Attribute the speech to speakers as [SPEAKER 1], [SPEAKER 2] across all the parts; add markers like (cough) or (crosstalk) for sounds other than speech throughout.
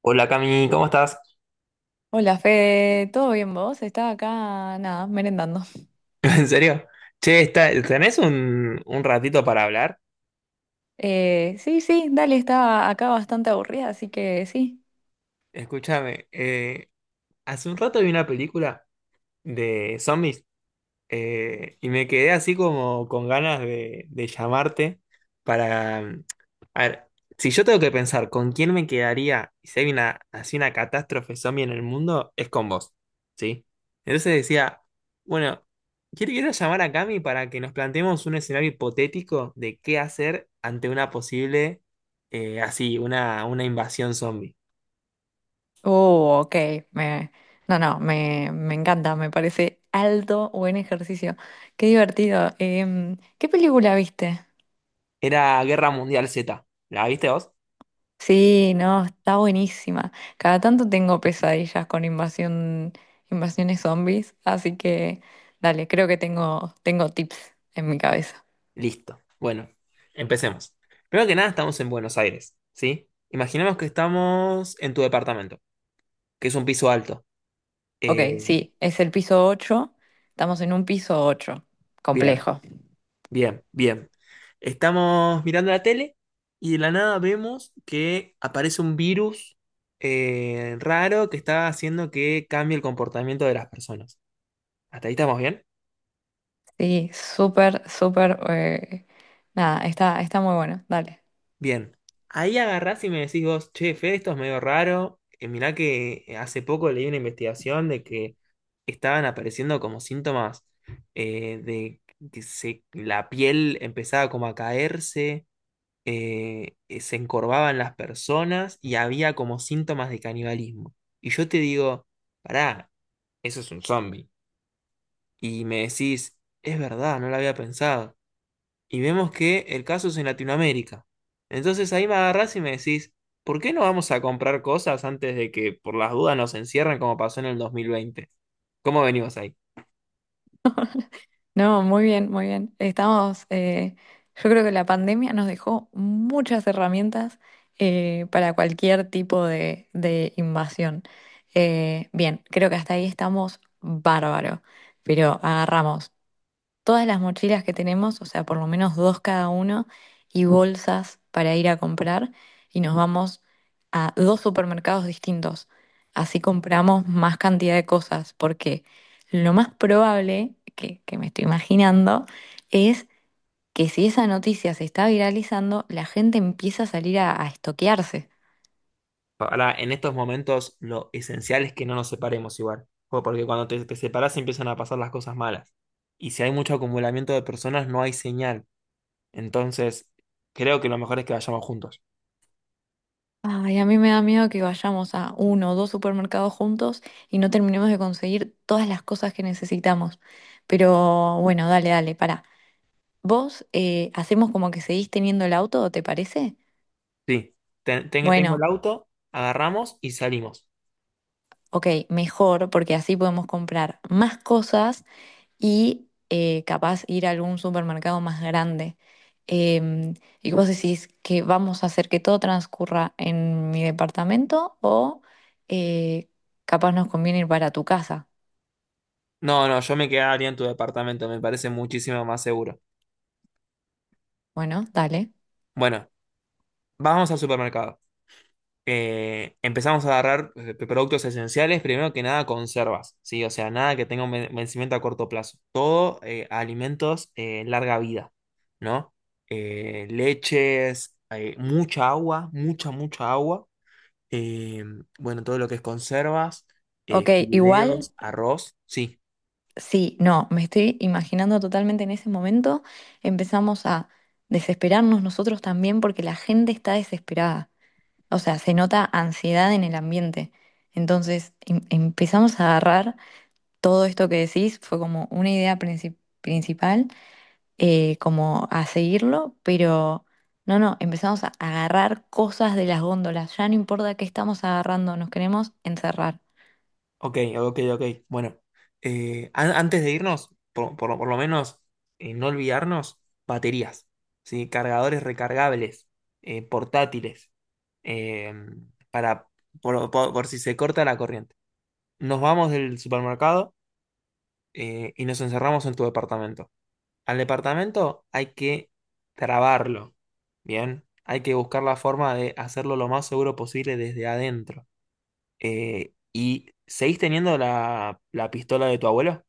[SPEAKER 1] Hola Cami, ¿cómo estás?
[SPEAKER 2] Hola Fede, ¿todo bien vos? Estaba acá, nada, merendando.
[SPEAKER 1] (laughs) ¿En serio? Che, está, ¿tenés un ratito para hablar?
[SPEAKER 2] Sí, sí, dale, estaba acá bastante aburrida, así que sí.
[SPEAKER 1] Escúchame, hace un rato vi una película de zombies. Y me quedé así como con ganas de llamarte para. A ver, si yo tengo que pensar con quién me quedaría y si hay una, así una catástrofe zombie en el mundo, es con vos, ¿sí? Entonces decía, bueno, quiero llamar a Cami para que nos planteemos un escenario hipotético de qué hacer ante una posible, así, una invasión zombie.
[SPEAKER 2] Oh, ok, me, no, no, me encanta, me parece alto, buen ejercicio. Qué divertido. ¿Qué película viste?
[SPEAKER 1] Era Guerra Mundial Z, ¿la viste vos?
[SPEAKER 2] Sí, no, está buenísima. Cada tanto tengo pesadillas con invasiones zombies, así que dale, creo que tengo tips en mi cabeza.
[SPEAKER 1] Listo. Bueno, empecemos. Primero que nada, estamos en Buenos Aires, ¿sí? Imaginemos que estamos en tu departamento, que es un piso alto.
[SPEAKER 2] Ok,
[SPEAKER 1] Eh,
[SPEAKER 2] sí, es el piso 8. Estamos en un piso 8,
[SPEAKER 1] bien,
[SPEAKER 2] complejo.
[SPEAKER 1] bien. Estamos mirando la tele y de la nada vemos que aparece un virus raro que está haciendo que cambie el comportamiento de las personas. ¿Hasta ahí estamos bien?
[SPEAKER 2] Sí, súper, súper. Nada, está, Está muy bueno. Dale.
[SPEAKER 1] Bien, ahí agarrás y me decís vos, che, Fede, esto es medio raro. Mirá que hace poco leí una investigación de que estaban apareciendo como síntomas de que se, la piel empezaba como a caerse, se encorvaban las personas y había como síntomas de canibalismo. Y yo te digo, pará, eso es un zombie. Y me decís, es verdad, no lo había pensado, y vemos que el caso es en Latinoamérica. Entonces ahí me agarrás y me decís, ¿por qué no vamos a comprar cosas antes de que por las dudas nos encierren como pasó en el 2020? ¿Cómo venimos ahí?
[SPEAKER 2] No, muy bien, muy bien. Estamos. Yo creo que la pandemia nos dejó muchas herramientas para cualquier tipo de invasión. Bien, creo que hasta ahí estamos bárbaro. Pero agarramos todas las mochilas que tenemos, o sea, por lo menos dos cada uno, y bolsas para ir a comprar, y nos vamos a dos supermercados distintos. Así compramos más cantidad de cosas, porque lo más probable que me estoy imaginando es que si esa noticia se está viralizando, la gente empieza a salir a estoquearse.
[SPEAKER 1] Ahora, en estos momentos lo esencial es que no nos separemos igual, Jo, porque cuando te separás empiezan a pasar las cosas malas. Y si hay mucho acumulamiento de personas, no hay señal. Entonces, creo que lo mejor es que vayamos juntos.
[SPEAKER 2] Ay, a mí me da miedo que vayamos a uno o dos supermercados juntos y no terminemos de conseguir todas las cosas que necesitamos. Pero bueno, dale, pará. ¿Vos hacemos como que seguís teniendo el auto, te parece?
[SPEAKER 1] Sí, tengo el
[SPEAKER 2] Bueno,
[SPEAKER 1] auto, agarramos y salimos.
[SPEAKER 2] ok, mejor porque así podemos comprar más cosas y capaz ir a algún supermercado más grande. Em, ¿Y vos decís que vamos a hacer que todo transcurra en mi departamento o eh, capaz nos conviene ir para tu casa?
[SPEAKER 1] No, no, yo me quedaría en tu departamento, me parece muchísimo más seguro.
[SPEAKER 2] Bueno, dale.
[SPEAKER 1] Bueno, vamos al supermercado. Empezamos a agarrar productos esenciales, primero que nada conservas, ¿sí? O sea, nada que tenga un vencimiento a corto plazo. Todo alimentos larga vida, ¿no? Leches, mucha agua, mucha, mucha agua. Eh, bueno, todo lo que es conservas,
[SPEAKER 2] Ok, igual,
[SPEAKER 1] fideos, arroz, sí.
[SPEAKER 2] sí, no, me estoy imaginando totalmente en ese momento, empezamos a desesperarnos nosotros también porque la gente está desesperada. O sea, se nota ansiedad en el ambiente. Entonces, empezamos a agarrar todo esto que decís, fue como una principal, como a seguirlo, pero no, no, empezamos a agarrar cosas de las góndolas, ya no importa qué estamos agarrando, nos queremos encerrar.
[SPEAKER 1] Ok, ok, ok. Bueno, antes de irnos, por lo menos no olvidarnos, baterías, ¿sí? Cargadores recargables, portátiles, eh, para, por si se corta la corriente. Nos vamos del supermercado y nos encerramos en tu departamento. Al departamento hay que trabarlo, ¿bien? Hay que buscar la forma de hacerlo lo más seguro posible desde adentro. ¿Y seguís teniendo la pistola de tu abuelo?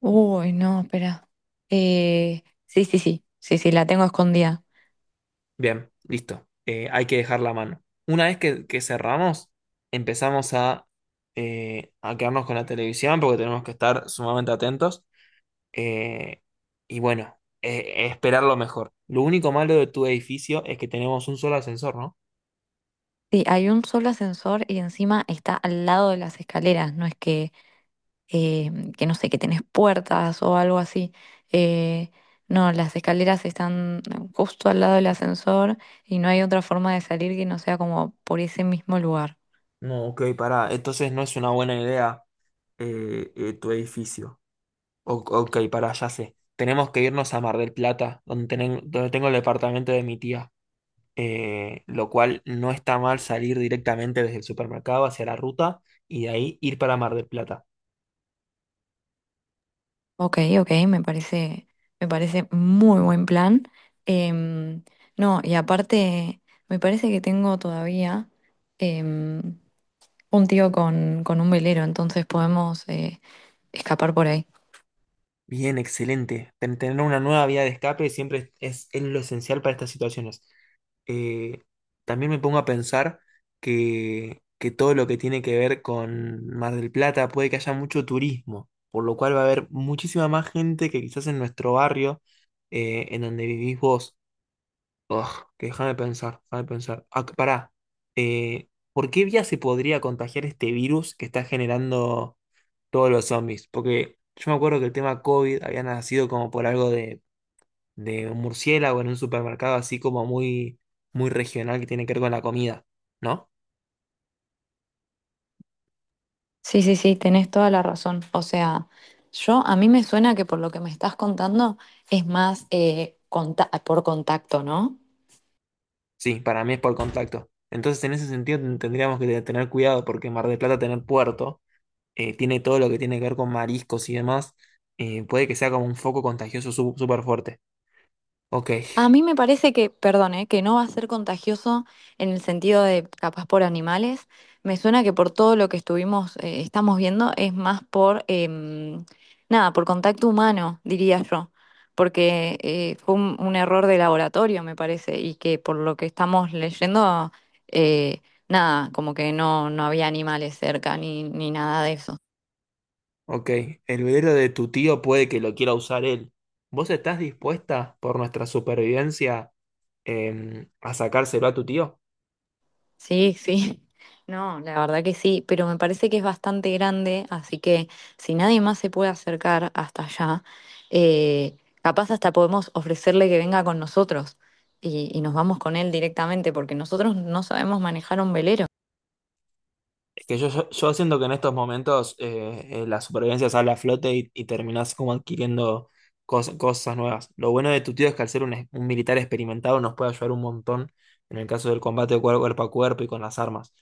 [SPEAKER 2] Uy, no, espera. Sí, sí, sí, sí, sí, la tengo escondida.
[SPEAKER 1] Bien, listo. Hay que dejar la mano. Una vez que cerramos, empezamos a quedarnos con la televisión porque tenemos que estar sumamente atentos. Eh, y bueno, esperar lo mejor. Lo único malo de tu edificio es que tenemos un solo ascensor, ¿no?
[SPEAKER 2] Sí, hay un solo ascensor y encima está al lado de las escaleras, no es que, eh, que no sé, que tenés puertas o algo así. Eh, no, las escaleras están justo al lado del ascensor y no hay otra forma de salir que no sea como por ese mismo lugar.
[SPEAKER 1] No, ok, pará. Entonces no es una buena idea tu edificio. O- ok, para allá sé. Tenemos que irnos a Mar del Plata, donde, donde tengo el departamento de mi tía. Lo cual no está mal salir directamente desde el supermercado hacia la ruta y de ahí ir para Mar del Plata.
[SPEAKER 2] Ok, ok, me parece muy buen plan. Em, no, y aparte, me parece que tengo todavía em, un tío con un velero, entonces podemos escapar por ahí.
[SPEAKER 1] Bien, excelente. Tener una nueva vía de escape siempre es lo esencial para estas situaciones. eh, También me pongo a pensar que todo lo que tiene que ver con Mar del Plata puede que haya mucho turismo, por lo cual va a haber muchísima más gente que quizás en nuestro barrio, en donde vivís vos. Ugh, que déjame pensar, déjame pensar. Ah, que pará. ¿Por qué vía se podría contagiar este virus que está generando todos los zombies? Porque yo me acuerdo que el tema COVID había nacido como por algo de un murciélago en un supermercado así como muy, muy regional que tiene que ver con la comida, ¿no?
[SPEAKER 2] Sí, sí, sí, tenés toda la razón. O sea, yo a mí me suena que por lo que me estás contando es más por contacto, ¿no?
[SPEAKER 1] Sí, para mí es por contacto. Entonces, en ese sentido, tendríamos que tener cuidado porque Mar del Plata, tener puerto, tiene todo lo que tiene que ver con mariscos y demás, puede que sea como un foco contagioso súper fuerte. Ok,
[SPEAKER 2] A mí me parece que, perdón, que no va a ser contagioso en el sentido de capaz por animales. Me suena que por todo lo que estamos viendo, es más por, em, nada, por contacto humano, diría yo, porque fue un error de laboratorio, me parece, y que por lo que estamos leyendo, eh, nada, como que no, no había animales cerca ni nada de eso.
[SPEAKER 1] ok. El velero de tu tío puede que lo quiera usar él. ¿Vos estás dispuesta por nuestra supervivencia a sacárselo a tu tío?
[SPEAKER 2] Sí, sí. (laughs) No, la verdad que sí, pero me parece que es bastante grande, así que si nadie más se puede acercar hasta allá, eh, capaz hasta podemos ofrecerle que venga con nosotros y nos vamos con él directamente, porque nosotros no sabemos manejar un velero.
[SPEAKER 1] Es que yo siento que en estos momentos la supervivencia sale a flote y terminás como adquiriendo cosas nuevas. Lo bueno de tu tío es que al ser un, un militar experimentado nos puede ayudar un montón en el caso del combate cuerpo a cuerpo y con las armas.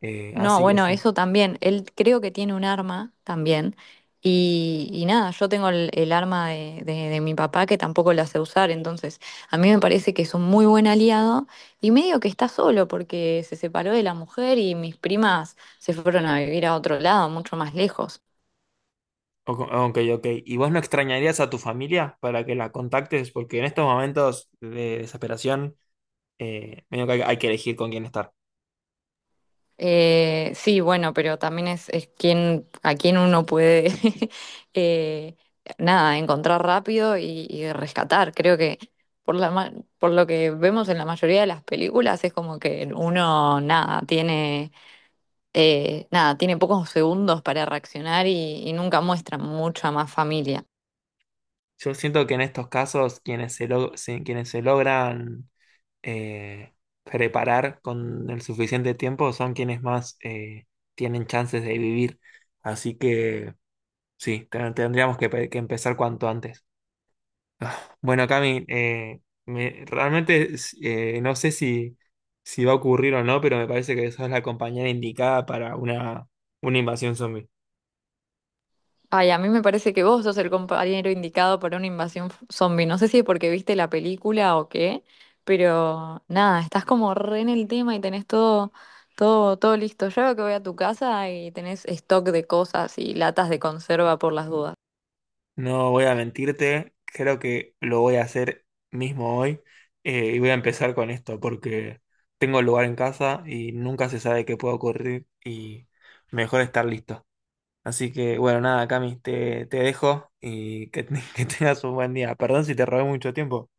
[SPEAKER 2] No,
[SPEAKER 1] Así que
[SPEAKER 2] bueno,
[SPEAKER 1] sí.
[SPEAKER 2] eso también. Él creo que tiene un arma también. Y nada, yo tengo el arma de mi papá que tampoco la sé usar. Entonces, a mí me parece que es un muy buen aliado y medio que está solo porque se separó de la mujer y mis primas se fueron a vivir a otro lado, mucho más lejos.
[SPEAKER 1] O- Ok, ok. ¿Y vos no extrañarías a tu familia para que la contactes? Porque en estos momentos de desesperación, medio que hay que elegir con quién estar.
[SPEAKER 2] Sí, bueno, pero también es quien, a quien uno puede (laughs) eh, nada, encontrar rápido y rescatar. Creo que por la, ma- por lo que vemos en la mayoría de las películas es como que uno nada, tiene nada, tiene pocos segundos para reaccionar y nunca muestra mucha más familia.
[SPEAKER 1] Yo siento que en estos casos quienes se, quienes se logran eh, preparar con el suficiente tiempo son quienes más tienen chances de vivir. Así que sí, tendríamos que, que empezar cuanto antes. Ah, bueno, Cami, realmente no sé si, si va a ocurrir o no, pero me parece que sos la compañera indicada para una invasión zombie.
[SPEAKER 2] Ay, a mí me parece que vos sos el compañero indicado para una zombie. No sé si es porque viste la película o qué, pero nada, estás como re en el tema y tenés todo listo. Yo creo que voy a tu casa y tenés stock de cosas y latas de conserva por las dudas.
[SPEAKER 1] No voy a mentirte, creo que lo voy a hacer mismo hoy, y voy a empezar con esto porque tengo el lugar en casa y nunca se sabe qué puede ocurrir y mejor estar listo. Así que bueno, nada, Cami, te dejo y que, (laughs) que tengas un buen día. Perdón si te robé mucho tiempo.